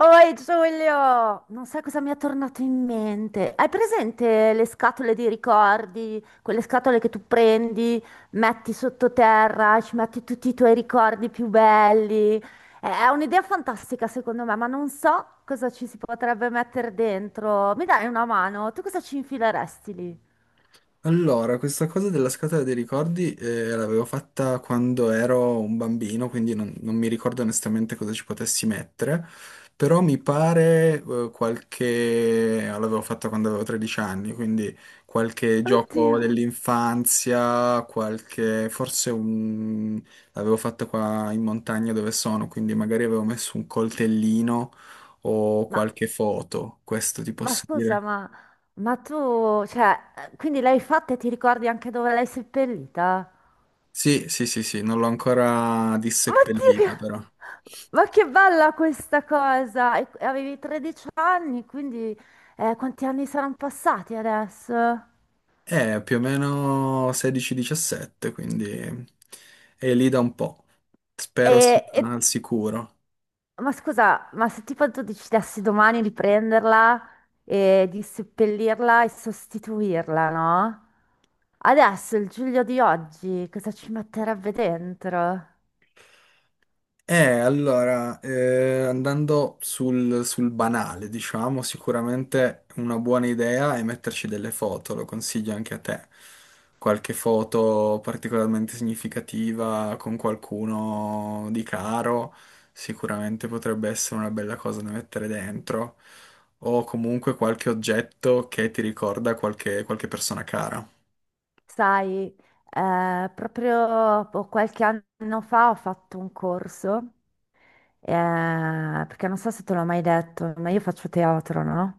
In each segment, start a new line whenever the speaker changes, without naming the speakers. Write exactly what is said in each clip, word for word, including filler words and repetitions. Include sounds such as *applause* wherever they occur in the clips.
Oi Giulio, non sai cosa mi è tornato in mente. Hai presente le scatole di ricordi? Quelle scatole che tu prendi, metti sottoterra, ci metti tutti i tuoi ricordi più belli. È un'idea fantastica secondo me, ma non so cosa ci si potrebbe mettere dentro. Mi dai una mano? Tu cosa ci infileresti lì?
Allora, questa cosa della scatola dei ricordi eh, l'avevo fatta quando ero un bambino, quindi non, non mi ricordo onestamente cosa ci potessi mettere, però mi pare eh, qualche... l'avevo fatta quando avevo tredici anni, quindi qualche gioco
Oddio,
dell'infanzia, qualche... forse un... l'avevo fatta qua in montagna dove sono, quindi magari avevo messo un coltellino o
Ma,
qualche foto, questo ti
ma
posso
scusa,
dire.
ma, ma tu, cioè, quindi l'hai fatta e ti ricordi anche dove l'hai seppellita?
Sì, sì, sì, sì, non l'ho ancora
Oddio, che...
disseppellita però.
Ma che bella questa cosa! E- e Avevi tredici anni, quindi eh, quanti anni saranno passati adesso?
È più o meno sedici diciassette, quindi è lì da un po'.
E,
Spero sia
e-
al sicuro.
Ma scusa, ma se tipo tu decidessi domani di prenderla e di seppellirla e sostituirla, no? Adesso il Giulio di oggi cosa ci metterebbe dentro?
Eh, allora, eh, andando sul, sul banale, diciamo, sicuramente una buona idea è metterci delle foto, lo consiglio anche a te. Qualche foto particolarmente significativa con qualcuno di caro, sicuramente potrebbe essere una bella cosa da mettere dentro, o comunque qualche oggetto che ti ricorda qualche, qualche persona cara.
Sai, eh, proprio boh, qualche anno fa ho fatto un corso. Eh, perché non so se te l'ho mai detto, ma io faccio teatro, no?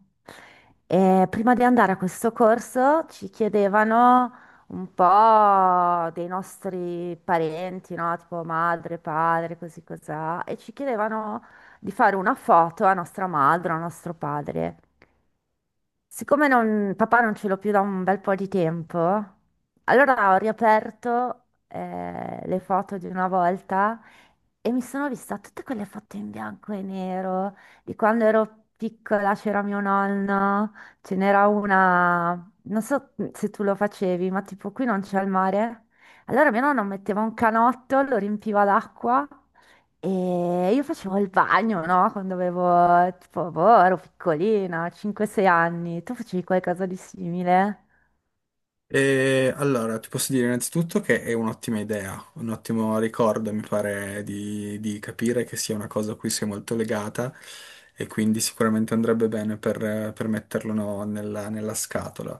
E prima di andare a questo corso ci chiedevano un po' dei nostri parenti, no? Tipo madre, padre, così cos'ha, e ci chiedevano di fare una foto a nostra madre, a nostro padre. Siccome non- papà non ce l'ho più da un bel po' di tempo, allora ho riaperto eh, le foto di una volta e mi sono vista tutte quelle foto in bianco e nero di quando ero piccola, c'era mio nonno, ce n'era una, non so se tu lo facevi, ma tipo qui non c'è il mare. Allora mio nonno metteva un canotto, lo riempiva d'acqua e io facevo il bagno, no? Quando avevo, tipo, boh, ero piccolina, cinque sei anni. Tu facevi qualcosa di simile?
E allora, ti posso dire innanzitutto che è un'ottima idea, un ottimo ricordo, mi pare di, di capire che sia una cosa a cui sei molto legata e quindi sicuramente andrebbe bene per, per metterlo no, nella, nella scatola.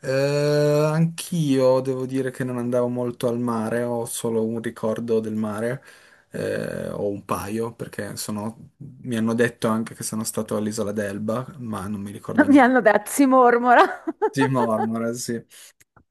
Eh, anch'io devo dire che non andavo molto al mare, ho solo un ricordo del mare, eh, o un paio, perché sono- mi hanno detto anche che sono stato all'Isola d'Elba, ma non mi ricordo
*laughs* Mi
niente.
hanno detto, si mormora.
Sì, mormora,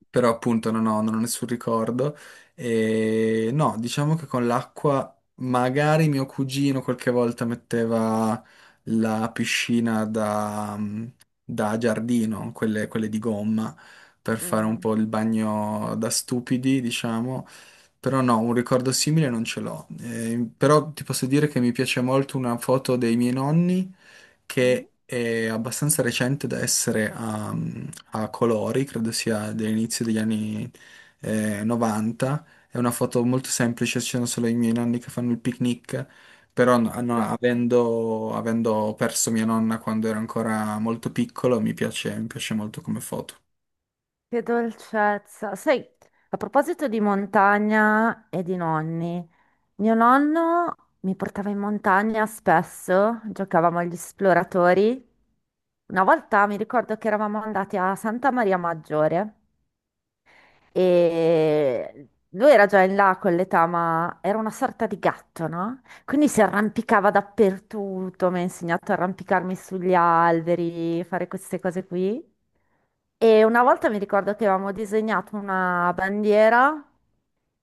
però appunto non ho, non ho nessun ricordo. E no, diciamo che con l'acqua magari mio cugino qualche volta metteva la piscina da, mm, da giardino, quelle, quelle di gomma, per fare un
Mm.
po' il bagno da stupidi, diciamo. Però no, un ricordo simile non ce l'ho. Eh, però ti posso dire che mi piace molto una foto dei miei nonni
Mm.
che è abbastanza recente da essere a, a colori, credo sia dell'inizio degli anni eh, novanta. È una foto molto semplice, ci sono solo i miei nonni che fanno il picnic, però no- no,
Dol-
avendo, avendo perso mia nonna quando ero ancora molto piccolo, mi piace, mi piace molto come foto.
Che dolcezza. Sai, a proposito di montagna e di nonni, mio nonno mi portava in montagna spesso, giocavamo agli esploratori. Una volta mi ricordo che eravamo andati a Santa Maria Maggiore. E lui era già in là con l'età, ma era una sorta di gatto, no? Quindi si arrampicava dappertutto, mi ha insegnato a arrampicarmi sugli alberi, fare queste cose qui. E una volta mi ricordo che avevamo disegnato una bandiera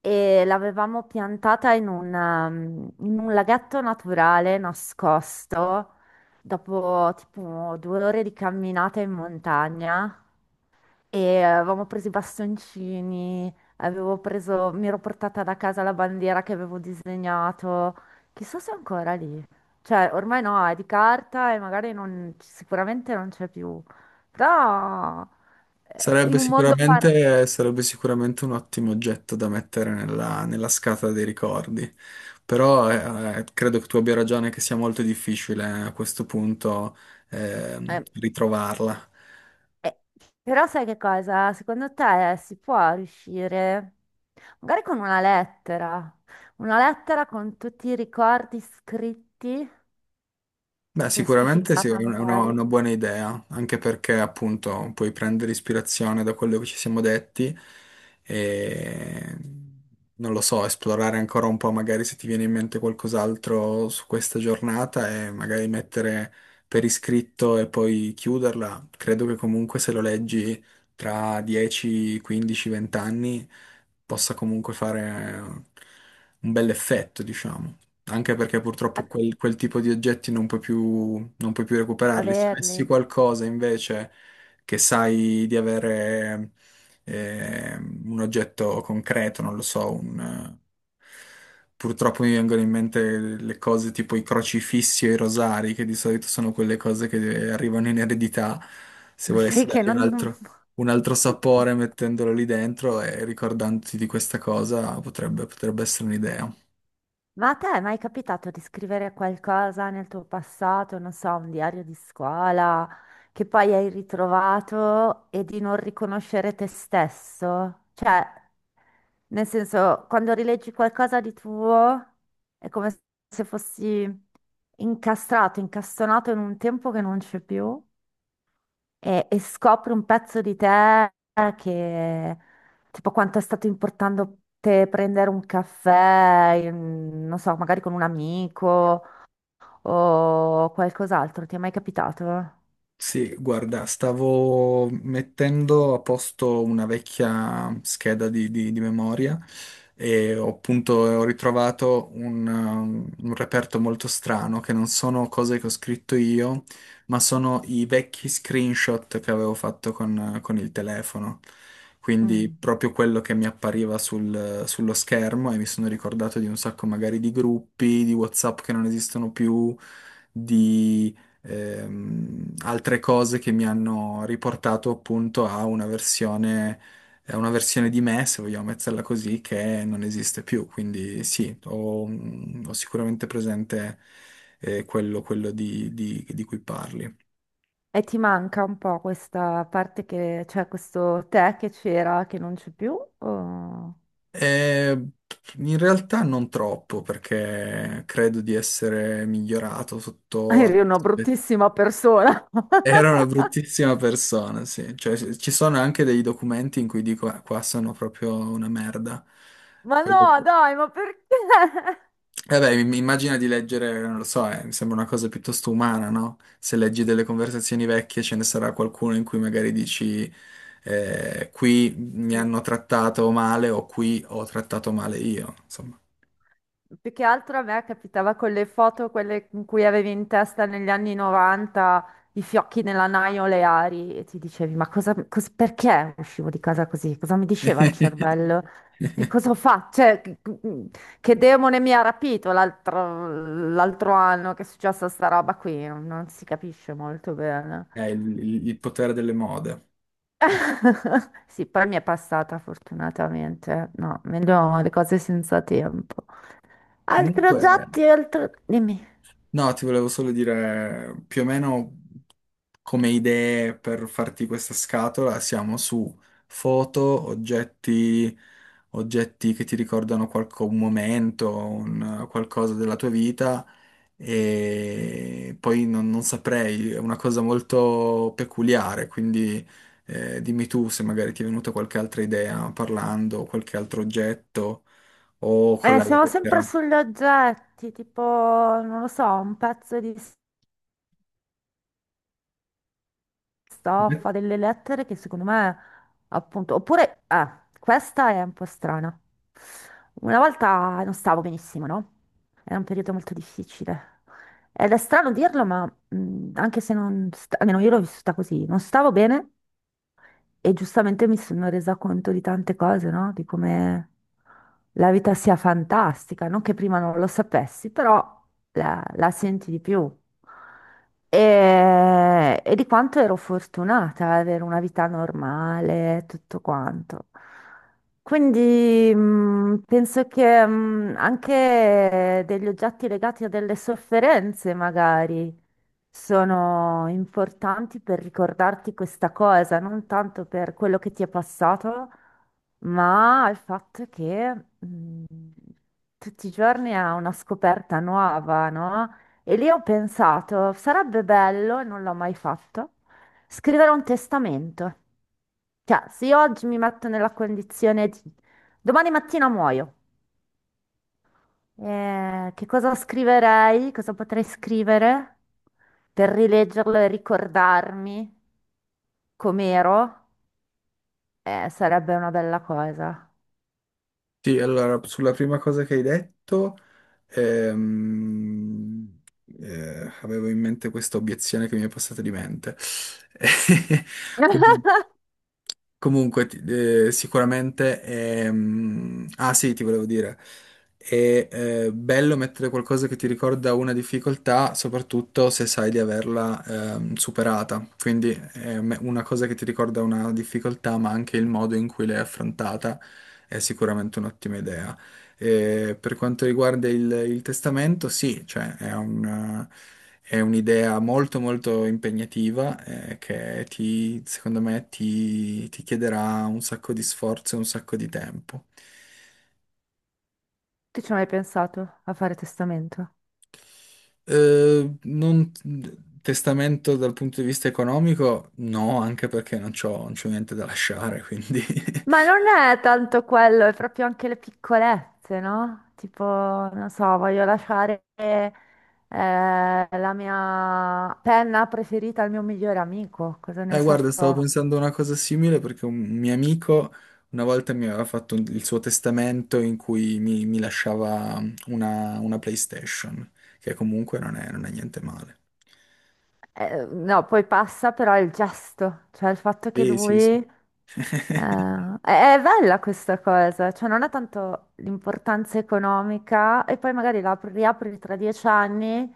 e l'avevamo piantata in un, um, in un laghetto naturale nascosto dopo tipo due ore di camminata in montagna. E avevamo preso i bastoncini, avevo preso, mi ero portata da casa la bandiera che avevo disegnato. Chissà se è ancora lì. Cioè, ormai no, è di carta e magari non, sicuramente non c'è più. Però eh, in
Sarebbe
un mondo par-
sicuramente, sarebbe sicuramente un ottimo oggetto da mettere nella, nella scatola dei ricordi, però eh, eh, credo che tu abbia ragione che sia molto difficile eh, a questo punto ehm,
eh,
ritrovarla.
eh, però sai che cosa? Secondo te si può riuscire? Magari con una lettera, una lettera con tutti i ricordi scritti,
Beh, sicuramente sì, è
plastificata
una, una-
magari.
una buona idea, anche perché appunto puoi prendere ispirazione da quello che ci siamo detti e non lo so, esplorare ancora un po', magari se ti viene in mente qualcos'altro su questa giornata e magari mettere per iscritto e poi chiuderla. Credo che comunque se lo leggi tra dieci, quindici, venti anni possa comunque fare un bell'effetto, diciamo, anche perché purtroppo quel, quel tipo di oggetti non puoi più, non puoi più recuperarli. Se avessi
Averli.
qualcosa invece che sai di avere eh, un oggetto concreto, non lo so, un, eh, purtroppo mi vengono in mente le cose tipo i crocifissi o i rosari, che di solito sono quelle cose che arrivano in eredità. Se
Ma sai
volessi
*laughs* che
dargli un
non... non-
altro,
*laughs*
un altro
che-
sapore mettendolo lì dentro e ricordandoti di questa cosa, potrebbe, potrebbe essere un'idea.
Ma a te è mai capitato di scrivere qualcosa nel tuo passato, non so, un diario di scuola, che poi hai ritrovato e di non riconoscere te stesso? Cioè, nel senso, quando rileggi qualcosa di tuo, è come se fossi incastrato, incastonato in un tempo che non c'è più. e, e scopri un pezzo di te che, tipo, quanto è stato importante te prendere un caffè, in- non so, magari con un amico o qualcos'altro. Ti è mai capitato?
Sì, guarda, stavo mettendo a posto una vecchia scheda di, di- di memoria e ho appunto ho ritrovato un, um, un reperto molto strano, che non sono cose che ho scritto io, ma sono i vecchi screenshot che avevo fatto con, con il telefono. Quindi
Mm.
proprio quello che mi appariva sul- sullo schermo, e mi sono ricordato di un sacco magari di gruppi, di WhatsApp che non esistono più, ehm, altre cose che mi hanno riportato appunto a una versione, a una versione di me, se vogliamo metterla così, che non esiste più. Quindi sì, ho, ho sicuramente presente eh, quello, quello di, di- di cui parli.
E ti manca un po' questa parte che, cioè questo te che c'era, che non c'è più? o-
Eh, in realtà non troppo, perché credo di essere migliorato
*laughs*
sotto...
Eri una bruttissima persona. *laughs*
Era una bruttissima persona, sì. Cioè, ci ci sono anche dei documenti in cui dico: "Ah, qua sono proprio una merda."
Ma
Quello...
no, dai, ma perché?
Eh beh, mi- immagina di leggere, non lo so, eh, mi sembra una cosa piuttosto umana, no? Se leggi delle conversazioni vecchie ce ne sarà qualcuno in cui magari dici, eh, qui mi hanno
*laughs*
trattato male o qui ho trattato male io, insomma.
Più che altro a me capitava con le foto, quelle in cui avevi in testa negli anni novanta i fiocchi nella naio oleari e ti dicevi: ma cosa, cos- perché uscivo di casa così? Cosa mi diceva il
*laughs*
cervello? Che cosa ho fatto? Cioè, che che demone mi ha rapito l'altro l'altro anno che è successa sta roba qui? Non, non si capisce molto bene.
Eh, il, il- il potere delle mode.
*laughs* Sì, poi mi è passata fortunatamente. No, meglio le cose senza tempo. Altri
Comunque...
oggetti, altro. Dimmi.
no, ti volevo solo dire più o meno come idee per farti questa scatola, siamo su foto, oggetti, oggetti che ti ricordano qualco- un momento, un- qualcosa della tua vita, e poi non, non saprei, è una cosa molto peculiare, quindi eh, dimmi tu se magari ti è venuta qualche altra idea parlando, qualche altro oggetto o con
Eh,
la
siamo sempre
lettera.
sugli oggetti, tipo, non lo so, un pezzo di stoffa, delle lettere che secondo me, appunto, oppure, eh, questa è un po' strana. Una volta non stavo benissimo, no? Era un periodo molto difficile. Ed è strano dirlo, ma mh, anche se non, sta- almeno io l'ho vissuta così, non stavo bene. E giustamente mi sono resa conto di tante cose, no? Di come la vita sia fantastica, non che prima non lo sapessi, però la, la senti di più. E, e di quanto ero fortunata ad avere una vita normale, tutto quanto. Quindi mh, penso che mh, anche degli oggetti legati a delle sofferenze, magari sono importanti per ricordarti questa cosa, non tanto per quello che ti è passato, ma il fatto che mh, tutti i giorni ha una scoperta nuova, no? E lì ho pensato, sarebbe bello, e non l'ho mai fatto, scrivere un testamento. Cioè, se io oggi mi metto nella condizione di: domani mattina muoio. Eh, che cosa scriverei? Cosa potrei scrivere per rileggerlo e ricordarmi com'ero? Eh, sarebbe una bella cosa.
Sì, allora, sulla prima cosa che hai detto, ehm, eh, avevo in mente questa obiezione che mi è passata di mente. *laughs* Com-
*laughs*
Comunque, ti- eh, sicuramente, ehm, ah sì, ti volevo dire, è eh, bello mettere qualcosa che ti ricorda una difficoltà, soprattutto se sai di averla ehm, superata. Quindi eh, me- una cosa che ti ricorda una difficoltà, ma anche il modo in cui l'hai affrontata è sicuramente un'ottima idea. E per quanto riguarda il, il testamento, sì, cioè è un, è un'idea molto molto impegnativa eh, che ti, secondo me ti, ti chiederà un sacco di sforzo e un sacco di tempo.
Tu ci hai mai pensato a fare testamento?
Eh, non, testamento dal punto di vista economico, no, anche perché non c'ho, non c'ho niente da lasciare, quindi.
Ma
*laughs*
non è tanto quello, è proprio anche le piccolezze, no? Tipo, non so, voglio lasciare eh, la mia penna preferita al mio migliore amico, cosa ne
Eh,
so.
guarda, stavo pensando a una cosa simile perché un mio amico una volta mi aveva fatto un- il suo testamento in cui mi, mi lasciava mm, una, una PlayStation, che comunque non è, non è niente male.
Eh, no, poi passa però il gesto, cioè il fatto che
Sì,
lui.
sì, sì.
eh, è,
*laughs*
è bella questa cosa, cioè non ha tanto l'importanza economica e poi magari la apri- riapri tra dieci anni,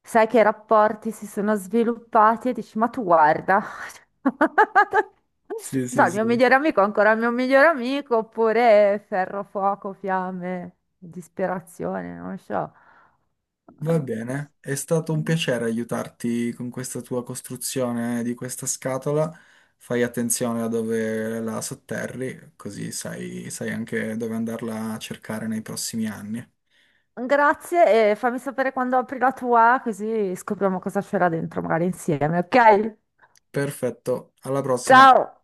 sai che i rapporti si sono sviluppati e dici, ma tu guarda, *laughs*
Sì,
so,
sì,
il mio
sì.
migliore amico è ancora il mio migliore amico, oppure ferro, fuoco, fiamme, disperazione, non so.
Va bene, è stato un
Eh,
piacere aiutarti con questa tua costruzione di questa scatola. Fai attenzione a dove la sotterri, così sai sai anche dove andarla a cercare nei prossimi anni.
Grazie e fammi sapere quando apri la tua, così scopriamo cosa c'era dentro, magari insieme, ok?
Perfetto, alla prossima.
Ciao!